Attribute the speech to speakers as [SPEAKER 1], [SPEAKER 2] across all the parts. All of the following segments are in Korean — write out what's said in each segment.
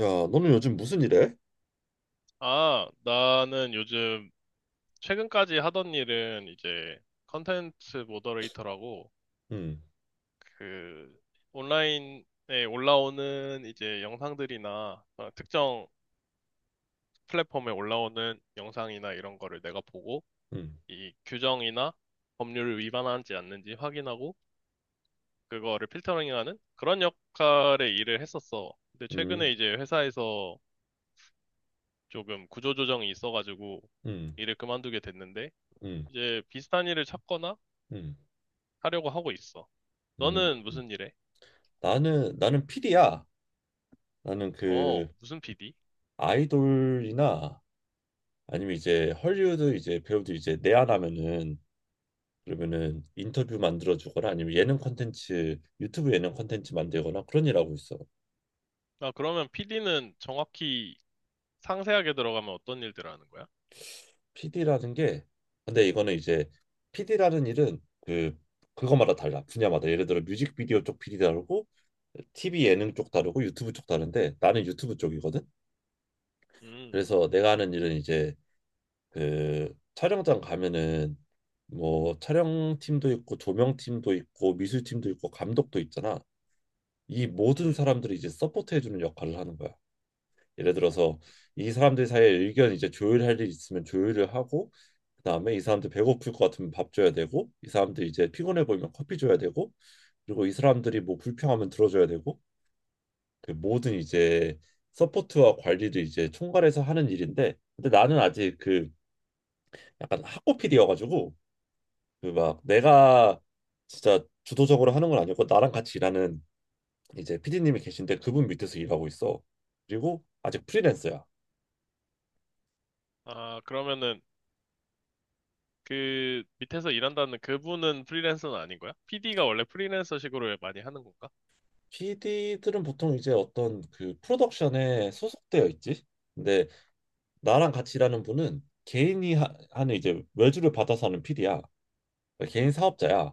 [SPEAKER 1] 야, 너는 요즘 무슨 일해?
[SPEAKER 2] 나는 요즘 최근까지 하던 일은 이제 컨텐츠 모더레이터라고
[SPEAKER 1] 음,
[SPEAKER 2] 그 온라인에 올라오는 이제 영상들이나 특정 플랫폼에 올라오는 영상이나 이런 거를 내가 보고
[SPEAKER 1] 음,
[SPEAKER 2] 이 규정이나 법률을 위반하지 않는지 확인하고 그거를 필터링하는 그런 역할의 일을 했었어. 근데
[SPEAKER 1] 음,
[SPEAKER 2] 최근에 이제 회사에서 조금 구조조정이 있어가지고
[SPEAKER 1] 음,
[SPEAKER 2] 일을 그만두게 됐는데
[SPEAKER 1] 음,
[SPEAKER 2] 이제 비슷한 일을 찾거나
[SPEAKER 1] 음,
[SPEAKER 2] 하려고 하고 있어.
[SPEAKER 1] 음.
[SPEAKER 2] 너는 무슨 일해?
[SPEAKER 1] 나는 피디야. 나는 그
[SPEAKER 2] 무슨 PD?
[SPEAKER 1] 아이돌이나, 아니면 이제 헐리우드 이제 배우들 이제 내한하면은, 그러면은 인터뷰 만들어 주거나 아니면 예능 콘텐츠, 유튜브 예능 콘텐츠 만들거나 그런 일 하고 있어.
[SPEAKER 2] 아, 그러면 PD는 정확히 상세하게 들어가면 어떤 일들을 하는 거야?
[SPEAKER 1] PD라는 게, 근데 이거는 이제 PD라는 일은, 그 그거마다 달라, 분야마다. 예를 들어 뮤직비디오 쪽 PD 다르고, TV 예능 쪽 다르고, 유튜브 쪽 다른데 나는 유튜브 쪽이거든.
[SPEAKER 2] 음,
[SPEAKER 1] 그래서 내가 하는 일은 이제, 그 촬영장 가면은 뭐 촬영팀도 있고 조명팀도 있고 미술팀도 있고 감독도 있잖아. 이 모든
[SPEAKER 2] 음.
[SPEAKER 1] 사람들이 이제 서포트해주는 역할을 하는 거야. 예를 들어서, 이 사람들 사이에 의견 이제 조율할 일 있으면 조율을 하고, 그다음에 이 사람들 배고플 것 같으면 밥 줘야 되고, 이 사람들 이제 피곤해 보이면 커피 줘야 되고, 그리고 이 사람들이 뭐 불평하면 들어줘야 되고, 그 모든 이제 서포트와 관리를 이제 총괄해서 하는 일인데, 근데 나는 아직 그 약간 학고 PD여가지고, 그 막 내가 진짜 주도적으로 하는 건 아니고, 나랑 같이 일하는 이제 PD님이 계신데 그분 밑에서 일하고 있어. 그리고 아직 프리랜서야.
[SPEAKER 2] 아, 그러면은 그 밑에서 일한다는 그분은 프리랜서는 아닌 거야? PD가 원래 프리랜서식으로 많이 하는 건가?
[SPEAKER 1] PD들은 보통 이제 어떤 그 프로덕션에 소속되어 있지. 근데 나랑 같이 일하는 분은 개인이 하는 이제 외주를 받아서 하는 PD야. 개인 사업자야.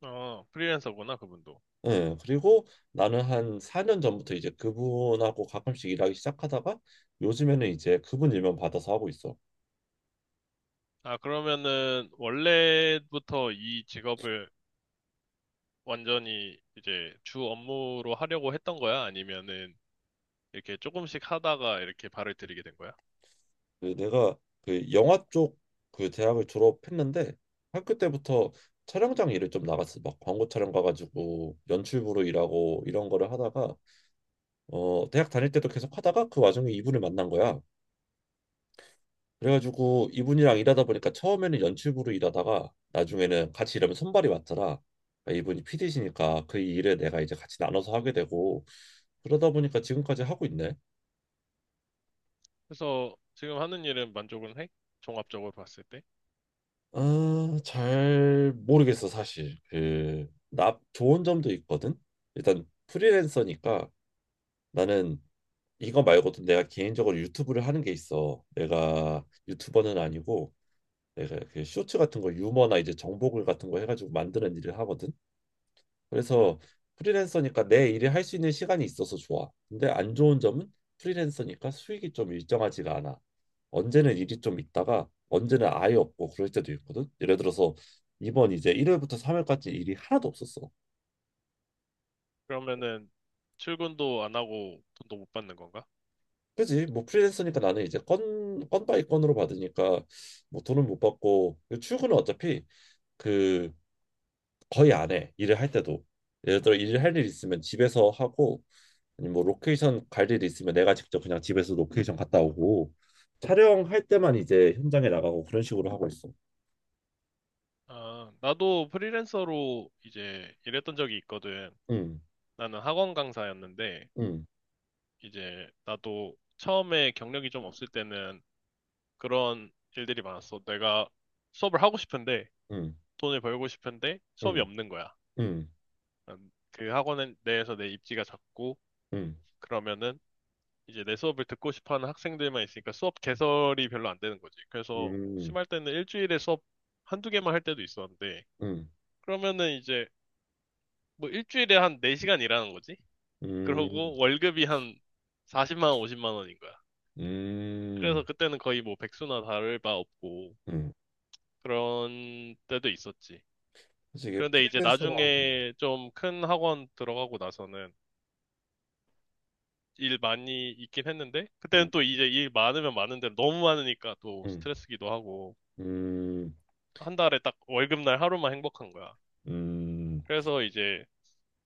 [SPEAKER 2] 어, 프리랜서구나, 그분도.
[SPEAKER 1] 응. 그리고 나는 한 4년 전부터 이제 그분하고 가끔씩 일하기 시작하다가, 요즘에는 이제 그분 일만 받아서 하고 있어.
[SPEAKER 2] 아, 그러면은 원래부터 이 직업을 완전히 이제 주 업무로 하려고 했던 거야? 아니면은 이렇게 조금씩 하다가 이렇게 발을 들이게 된 거야?
[SPEAKER 1] 그 내가, 그 영화 쪽 그 대학을 졸업했는데, 학교 때부터 촬영장 일을 좀 나갔어. 막 광고 촬영 가가지고 연출부로 일하고 이런 거를 하다가, 대학 다닐 때도 계속 하다가 그 와중에 이분을 만난 거야. 그래가지고 이분이랑 일하다 보니까 처음에는 연출부로 일하다가, 나중에는 같이 일하면 손발이 맞더라. 그러니까 이분이 PD시니까 그 일을 내가 이제 같이 나눠서 하게 되고, 그러다 보니까 지금까지 하고 있네.
[SPEAKER 2] 그래서 지금 하는 일은 만족은 해? 종합적으로 봤을 때?
[SPEAKER 1] 아, 잘 모르겠어, 사실. 그, 나 좋은 점도 있거든. 일단 프리랜서니까, 나는 이거 말고도 내가 개인적으로 유튜브를 하는 게 있어. 내가 유튜버는 아니고, 내가 그 쇼츠 같은 거 유머나 이제 정보글 같은 거 해가지고 만드는 일을 하거든. 그래서
[SPEAKER 2] 음.
[SPEAKER 1] 프리랜서니까 내 일을 할 수 있는 시간이 있어서 좋아. 근데 안 좋은 점은, 프리랜서니까 수익이 좀 일정하지가 않아. 언제는 일이 좀 있다가 언제는 아예 없고 그럴 때도 있거든. 예를 들어서 이번 이제 1월부터 3월까지 일이 하나도 없었어.
[SPEAKER 2] 그러면은 출근도 안 하고 돈도 못 받는 건가?
[SPEAKER 1] 그지? 뭐 프리랜서니까 나는 이제 건 바이 건으로 받으니까 뭐 돈은 못 받고, 출근은 어차피 그 거의 안 해. 일을 할 때도. 예를 들어 일을 할 일 있으면 집에서 하고, 아니면 뭐 로케이션 갈 일이 있으면 내가 직접 그냥 집에서 로케이션 갔다 오고, 촬영할 때만 이제 현장에 나가고 그런 식으로 하고 있어.
[SPEAKER 2] 아, 나도 프리랜서로 이제 일했던 적이 있거든.
[SPEAKER 1] 음,
[SPEAKER 2] 나는 학원 강사였는데
[SPEAKER 1] 음,
[SPEAKER 2] 이제 나도 처음에 경력이 좀 없을 때는 그런 일들이 많았어. 내가 수업을 하고 싶은데
[SPEAKER 1] 음,
[SPEAKER 2] 돈을 벌고 싶은데 수업이
[SPEAKER 1] 음,
[SPEAKER 2] 없는 거야.
[SPEAKER 1] 음,
[SPEAKER 2] 그 학원 내에서 내 입지가 작고
[SPEAKER 1] 음,
[SPEAKER 2] 그러면은 이제 내 수업을 듣고 싶어 하는 학생들만 있으니까 수업 개설이 별로 안 되는 거지. 그래서
[SPEAKER 1] 음,
[SPEAKER 2] 심할 때는 일주일에 수업 한두 개만 할 때도 있었는데,
[SPEAKER 1] 음,
[SPEAKER 2] 그러면은 이제 뭐 일주일에 한 4시간 일하는 거지?
[SPEAKER 1] 음,
[SPEAKER 2] 그러고 월급이 한 40만 원, 50만 원인 거야.
[SPEAKER 1] 음,
[SPEAKER 2] 그래서 그때는 거의 뭐 백수나 다를 바 없고,
[SPEAKER 1] 음.
[SPEAKER 2] 그런 때도 있었지.
[SPEAKER 1] 그래서 이게
[SPEAKER 2] 그런데 이제
[SPEAKER 1] 프리랜서가.
[SPEAKER 2] 나중에 좀 큰 학원 들어가고 나서는 일 많이 있긴 했는데, 그때는
[SPEAKER 1] 음,
[SPEAKER 2] 또 이제 일 많으면 많은 대로 너무 많으니까 또
[SPEAKER 1] 음,
[SPEAKER 2] 스트레스기도 하고,
[SPEAKER 1] 음,
[SPEAKER 2] 한 달에 딱 월급날 하루만 행복한 거야.
[SPEAKER 1] 음,
[SPEAKER 2] 그래서 이제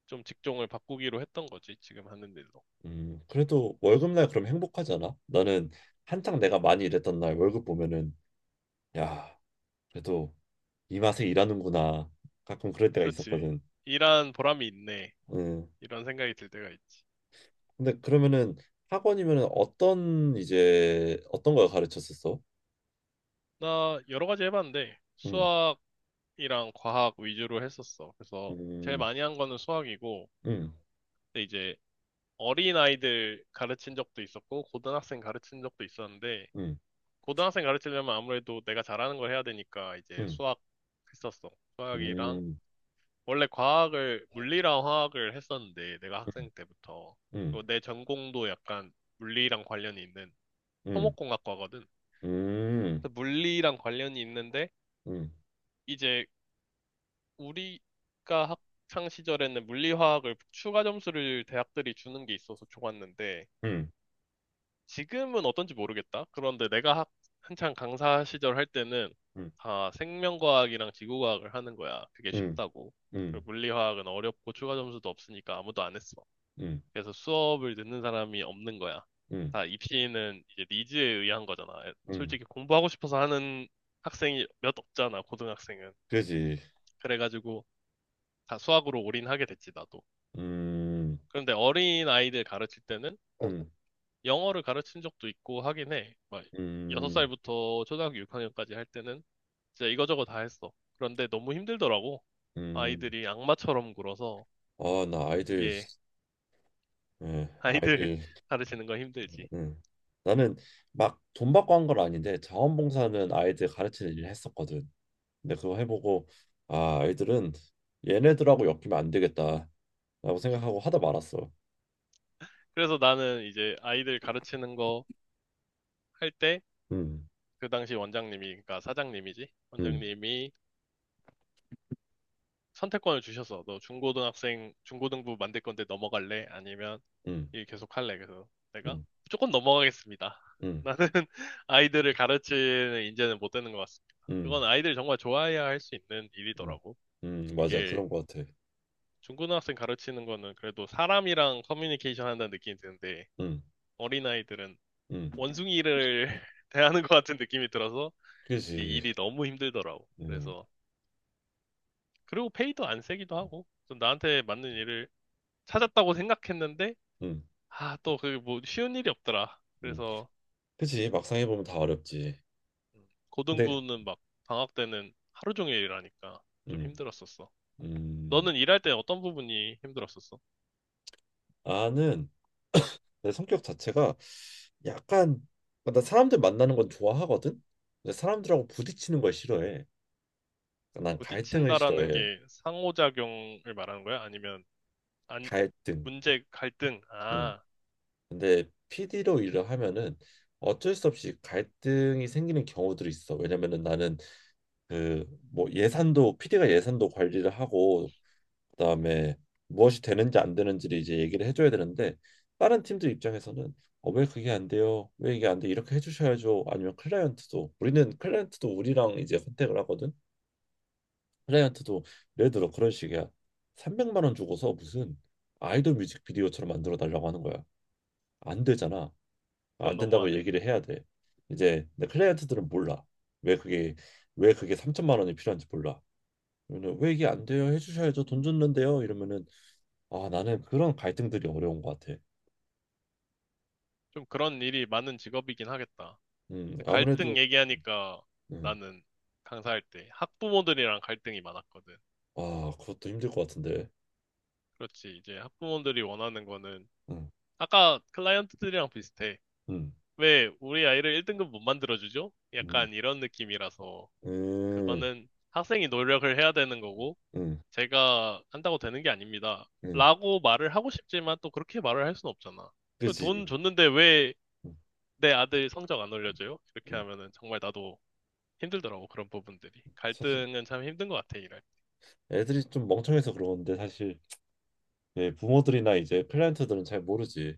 [SPEAKER 2] 좀 직종을 바꾸기로 했던 거지, 지금 하는 일로.
[SPEAKER 1] 그래도 월급날 그럼 행복하잖아. 나는 한창 내가 많이 일했던 날 월급 보면은, 야. 그래도 이 맛에 일하는구나. 가끔 그럴 때가
[SPEAKER 2] 그렇지.
[SPEAKER 1] 있었거든.
[SPEAKER 2] 일한 보람이 있네.
[SPEAKER 1] 음.
[SPEAKER 2] 이런 생각이 들 때가 있지.
[SPEAKER 1] 근데 그러면은 학원이면은 어떤 이제 어떤 걸 가르쳤었어?
[SPEAKER 2] 나 여러 가지 해봤는데,
[SPEAKER 1] 음.
[SPEAKER 2] 수학이랑 과학 위주로 했었어. 그래서 제일
[SPEAKER 1] 음.
[SPEAKER 2] 많이 한 거는 수학이고,
[SPEAKER 1] 음.
[SPEAKER 2] 근데 이제 어린 아이들 가르친 적도 있었고, 고등학생 가르친 적도 있었는데,
[SPEAKER 1] 음.
[SPEAKER 2] 고등학생 가르치려면 아무래도 내가 잘하는 걸 해야 되니까 이제
[SPEAKER 1] 음.
[SPEAKER 2] 수학 했었어. 수학이랑
[SPEAKER 1] 음.
[SPEAKER 2] 원래 과학을, 물리랑 화학을 했었는데, 내가 학생 때부터.
[SPEAKER 1] 음.
[SPEAKER 2] 그리고 내 전공도 약간 물리랑 관련이 있는
[SPEAKER 1] 음. 음.
[SPEAKER 2] 토목공학과거든.
[SPEAKER 1] 음.
[SPEAKER 2] 그래서 물리랑 관련이 있는데,
[SPEAKER 1] 음.
[SPEAKER 2] 이제 우리가 학창 시절에는 물리화학을 추가 점수를 대학들이 주는 게 있어서 좋았는데,
[SPEAKER 1] 음.
[SPEAKER 2] 지금은 어떤지 모르겠다. 그런데 한창 강사 시절 할 때는
[SPEAKER 1] 음.
[SPEAKER 2] 다 생명과학이랑 지구과학을 하는 거야. 그게
[SPEAKER 1] 음.
[SPEAKER 2] 쉽다고.
[SPEAKER 1] 음.
[SPEAKER 2] 그리고 물리화학은 어렵고 추가 점수도 없으니까 아무도 안 했어.
[SPEAKER 1] 음.
[SPEAKER 2] 그래서 수업을 듣는 사람이 없는 거야.
[SPEAKER 1] 음.
[SPEAKER 2] 다 입시는 이제 니즈에 의한 거잖아.
[SPEAKER 1] 음.
[SPEAKER 2] 솔직히 공부하고 싶어서 하는 학생이 몇 없잖아, 고등학생은.
[SPEAKER 1] 그지.
[SPEAKER 2] 그래가지고 다 수학으로 올인하게 됐지, 나도.
[SPEAKER 1] 음.
[SPEAKER 2] 그런데 어린 아이들 가르칠 때는
[SPEAKER 1] 음.
[SPEAKER 2] 영어를 가르친 적도 있고 하긴 해. 막
[SPEAKER 1] 음.
[SPEAKER 2] 6살부터 초등학교 6학년까지 할 때는 진짜 이거저거 다 했어. 그런데 너무 힘들더라고.
[SPEAKER 1] 음.
[SPEAKER 2] 아이들이 악마처럼 굴어서
[SPEAKER 1] 아, 나 아이들.
[SPEAKER 2] 이게
[SPEAKER 1] 예,
[SPEAKER 2] 아이들
[SPEAKER 1] 아이들.
[SPEAKER 2] 가르치는 건 힘들지.
[SPEAKER 1] 음. 나는 막 돈 받고 한 건 아닌데, 자원봉사는 아이들 가르치는 일을 했었거든. 근데 그거 해보고 아, 아이들은 얘네들하고 엮이면 안 되겠다라고 생각하고 하다 말았어.
[SPEAKER 2] 그래서 나는 이제 아이들 가르치는 거 할 때
[SPEAKER 1] 음,
[SPEAKER 2] 그 당시 원장님이 그러니까 사장님이지
[SPEAKER 1] 음,
[SPEAKER 2] 원장님이 선택권을 주셔서 너 중고등학생 중고등부 만들 건데 넘어갈래? 아니면
[SPEAKER 1] 음,
[SPEAKER 2] 일 계속 할래? 그래서 내가
[SPEAKER 1] 음,
[SPEAKER 2] 무조건 넘어가겠습니다.
[SPEAKER 1] 음,
[SPEAKER 2] 나는 아이들을 가르치는 인재는 못 되는 것 같습니다.
[SPEAKER 1] 음,
[SPEAKER 2] 그건 아이들 정말 좋아해야 할 수 있는
[SPEAKER 1] 음,
[SPEAKER 2] 일이더라고.
[SPEAKER 1] 맞아.
[SPEAKER 2] 이게
[SPEAKER 1] 그런 것 같아.
[SPEAKER 2] 중고등학생 가르치는 거는 그래도 사람이랑 커뮤니케이션 한다는 느낌이 드는데
[SPEAKER 1] 음,
[SPEAKER 2] 어린아이들은
[SPEAKER 1] 음,
[SPEAKER 2] 원숭이를 대하는 것 같은 느낌이 들어서 이
[SPEAKER 1] 그지.
[SPEAKER 2] 일이 너무 힘들더라고.
[SPEAKER 1] 음,
[SPEAKER 2] 그래서 그리고 페이도 안 세기도 하고 좀 나한테 맞는 일을 찾았다고 생각했는데
[SPEAKER 1] 음,
[SPEAKER 2] 아 또 그게 뭐 쉬운 일이 없더라.
[SPEAKER 1] 음,
[SPEAKER 2] 그래서
[SPEAKER 1] 그지. 막상 해보면 다 어렵지. 근데
[SPEAKER 2] 고등부는 막 방학 때는 하루 종일 일하니까 좀
[SPEAKER 1] 음,
[SPEAKER 2] 힘들었었어.
[SPEAKER 1] 음,
[SPEAKER 2] 너는 일할 때 어떤 부분이 힘들었었어?
[SPEAKER 1] 나는 내 성격 자체가 약간, 나 사람들 만나는 건 좋아하거든. 근데 사람들하고 부딪히는 걸 싫어해. 그러니까 난 갈등을
[SPEAKER 2] 부딪힌다라는
[SPEAKER 1] 싫어해.
[SPEAKER 2] 게 상호작용을 말하는 거야? 아니면 안,
[SPEAKER 1] 갈등.
[SPEAKER 2] 문제 갈등?
[SPEAKER 1] 응.
[SPEAKER 2] 아,
[SPEAKER 1] 근데 PD로 일을 하면은 어쩔 수 없이 갈등이 생기는 경우들이 있어. 왜냐면은 나는 그 뭐 예산도, PD가 예산도 관리를 하고, 그다음에 무엇이 되는지 안 되는지를 이제 얘기를 해줘야 되는데, 다른 팀들 입장에서는 어, 왜 그게 안 돼요? 왜 이게 안 돼? 이렇게 해주셔야죠. 아니면 클라이언트도, 우리는 클라이언트도 우리랑 이제 컨택을 하거든. 클라이언트도 예를 들어 그런 식이야. 300만 원 주고서 무슨 아이돌 뮤직비디오처럼 만들어 달라고 하는 거야. 안 되잖아.
[SPEAKER 2] 그건
[SPEAKER 1] 안 된다고
[SPEAKER 2] 너무하네.
[SPEAKER 1] 얘기를 해야 돼. 이제 근데 클라이언트들은 몰라. 왜 그게, 3천만 원이 필요한지 몰라. 그러면 왜 이게 안 돼요? 해주셔야죠. 돈 줬는데요. 이러면은 아, 나는 그런 갈등들이 어려운 것 같아.
[SPEAKER 2] 좀 그런 일이 많은 직업이긴 하겠다. 근데 갈등
[SPEAKER 1] 아무래도.
[SPEAKER 2] 얘기하니까
[SPEAKER 1] 음,
[SPEAKER 2] 나는 강사할 때 학부모들이랑 갈등이 많았거든.
[SPEAKER 1] 아, 그것도 힘들 것 같은데.
[SPEAKER 2] 그렇지. 이제 학부모들이 원하는 거는
[SPEAKER 1] 음,
[SPEAKER 2] 아까 클라이언트들이랑 비슷해.
[SPEAKER 1] 음,
[SPEAKER 2] 왜 우리 아이를 1등급 못 만들어주죠?
[SPEAKER 1] 음,
[SPEAKER 2] 약간 이런 느낌이라서
[SPEAKER 1] 음,
[SPEAKER 2] 그거는 학생이 노력을 해야 되는 거고
[SPEAKER 1] 음,
[SPEAKER 2] 제가 한다고 되는 게 아닙니다.
[SPEAKER 1] 음.
[SPEAKER 2] 라고 말을 하고 싶지만 또 그렇게 말을 할 수는 없잖아. 돈
[SPEAKER 1] 그렇지.
[SPEAKER 2] 줬는데 왜
[SPEAKER 1] 음,
[SPEAKER 2] 내 아들 성적 안
[SPEAKER 1] 음.
[SPEAKER 2] 올려줘요? 이렇게
[SPEAKER 1] 음.
[SPEAKER 2] 하면은 정말 나도 힘들더라고 그런 부분들이.
[SPEAKER 1] 사실
[SPEAKER 2] 갈등은 참 힘든 것 같아 이래.
[SPEAKER 1] 애들이 좀 멍청해서 그러는데, 사실 예, 부모들이나 이제 클라이언트들은 잘 모르지.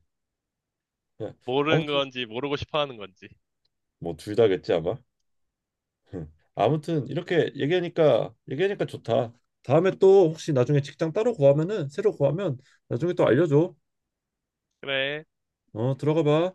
[SPEAKER 1] 예,
[SPEAKER 2] 모르는
[SPEAKER 1] 아무튼
[SPEAKER 2] 건지 모르고 싶어 하는 건지.
[SPEAKER 1] 뭐 둘 다겠지 아마. 음. 아무튼 이렇게 얘기하니까 좋다. 다음에 또 혹시 나중에 직장 따로 구하면은, 새로 구하면 나중에 또 알려줘.
[SPEAKER 2] 그래.
[SPEAKER 1] 어, 들어가 봐.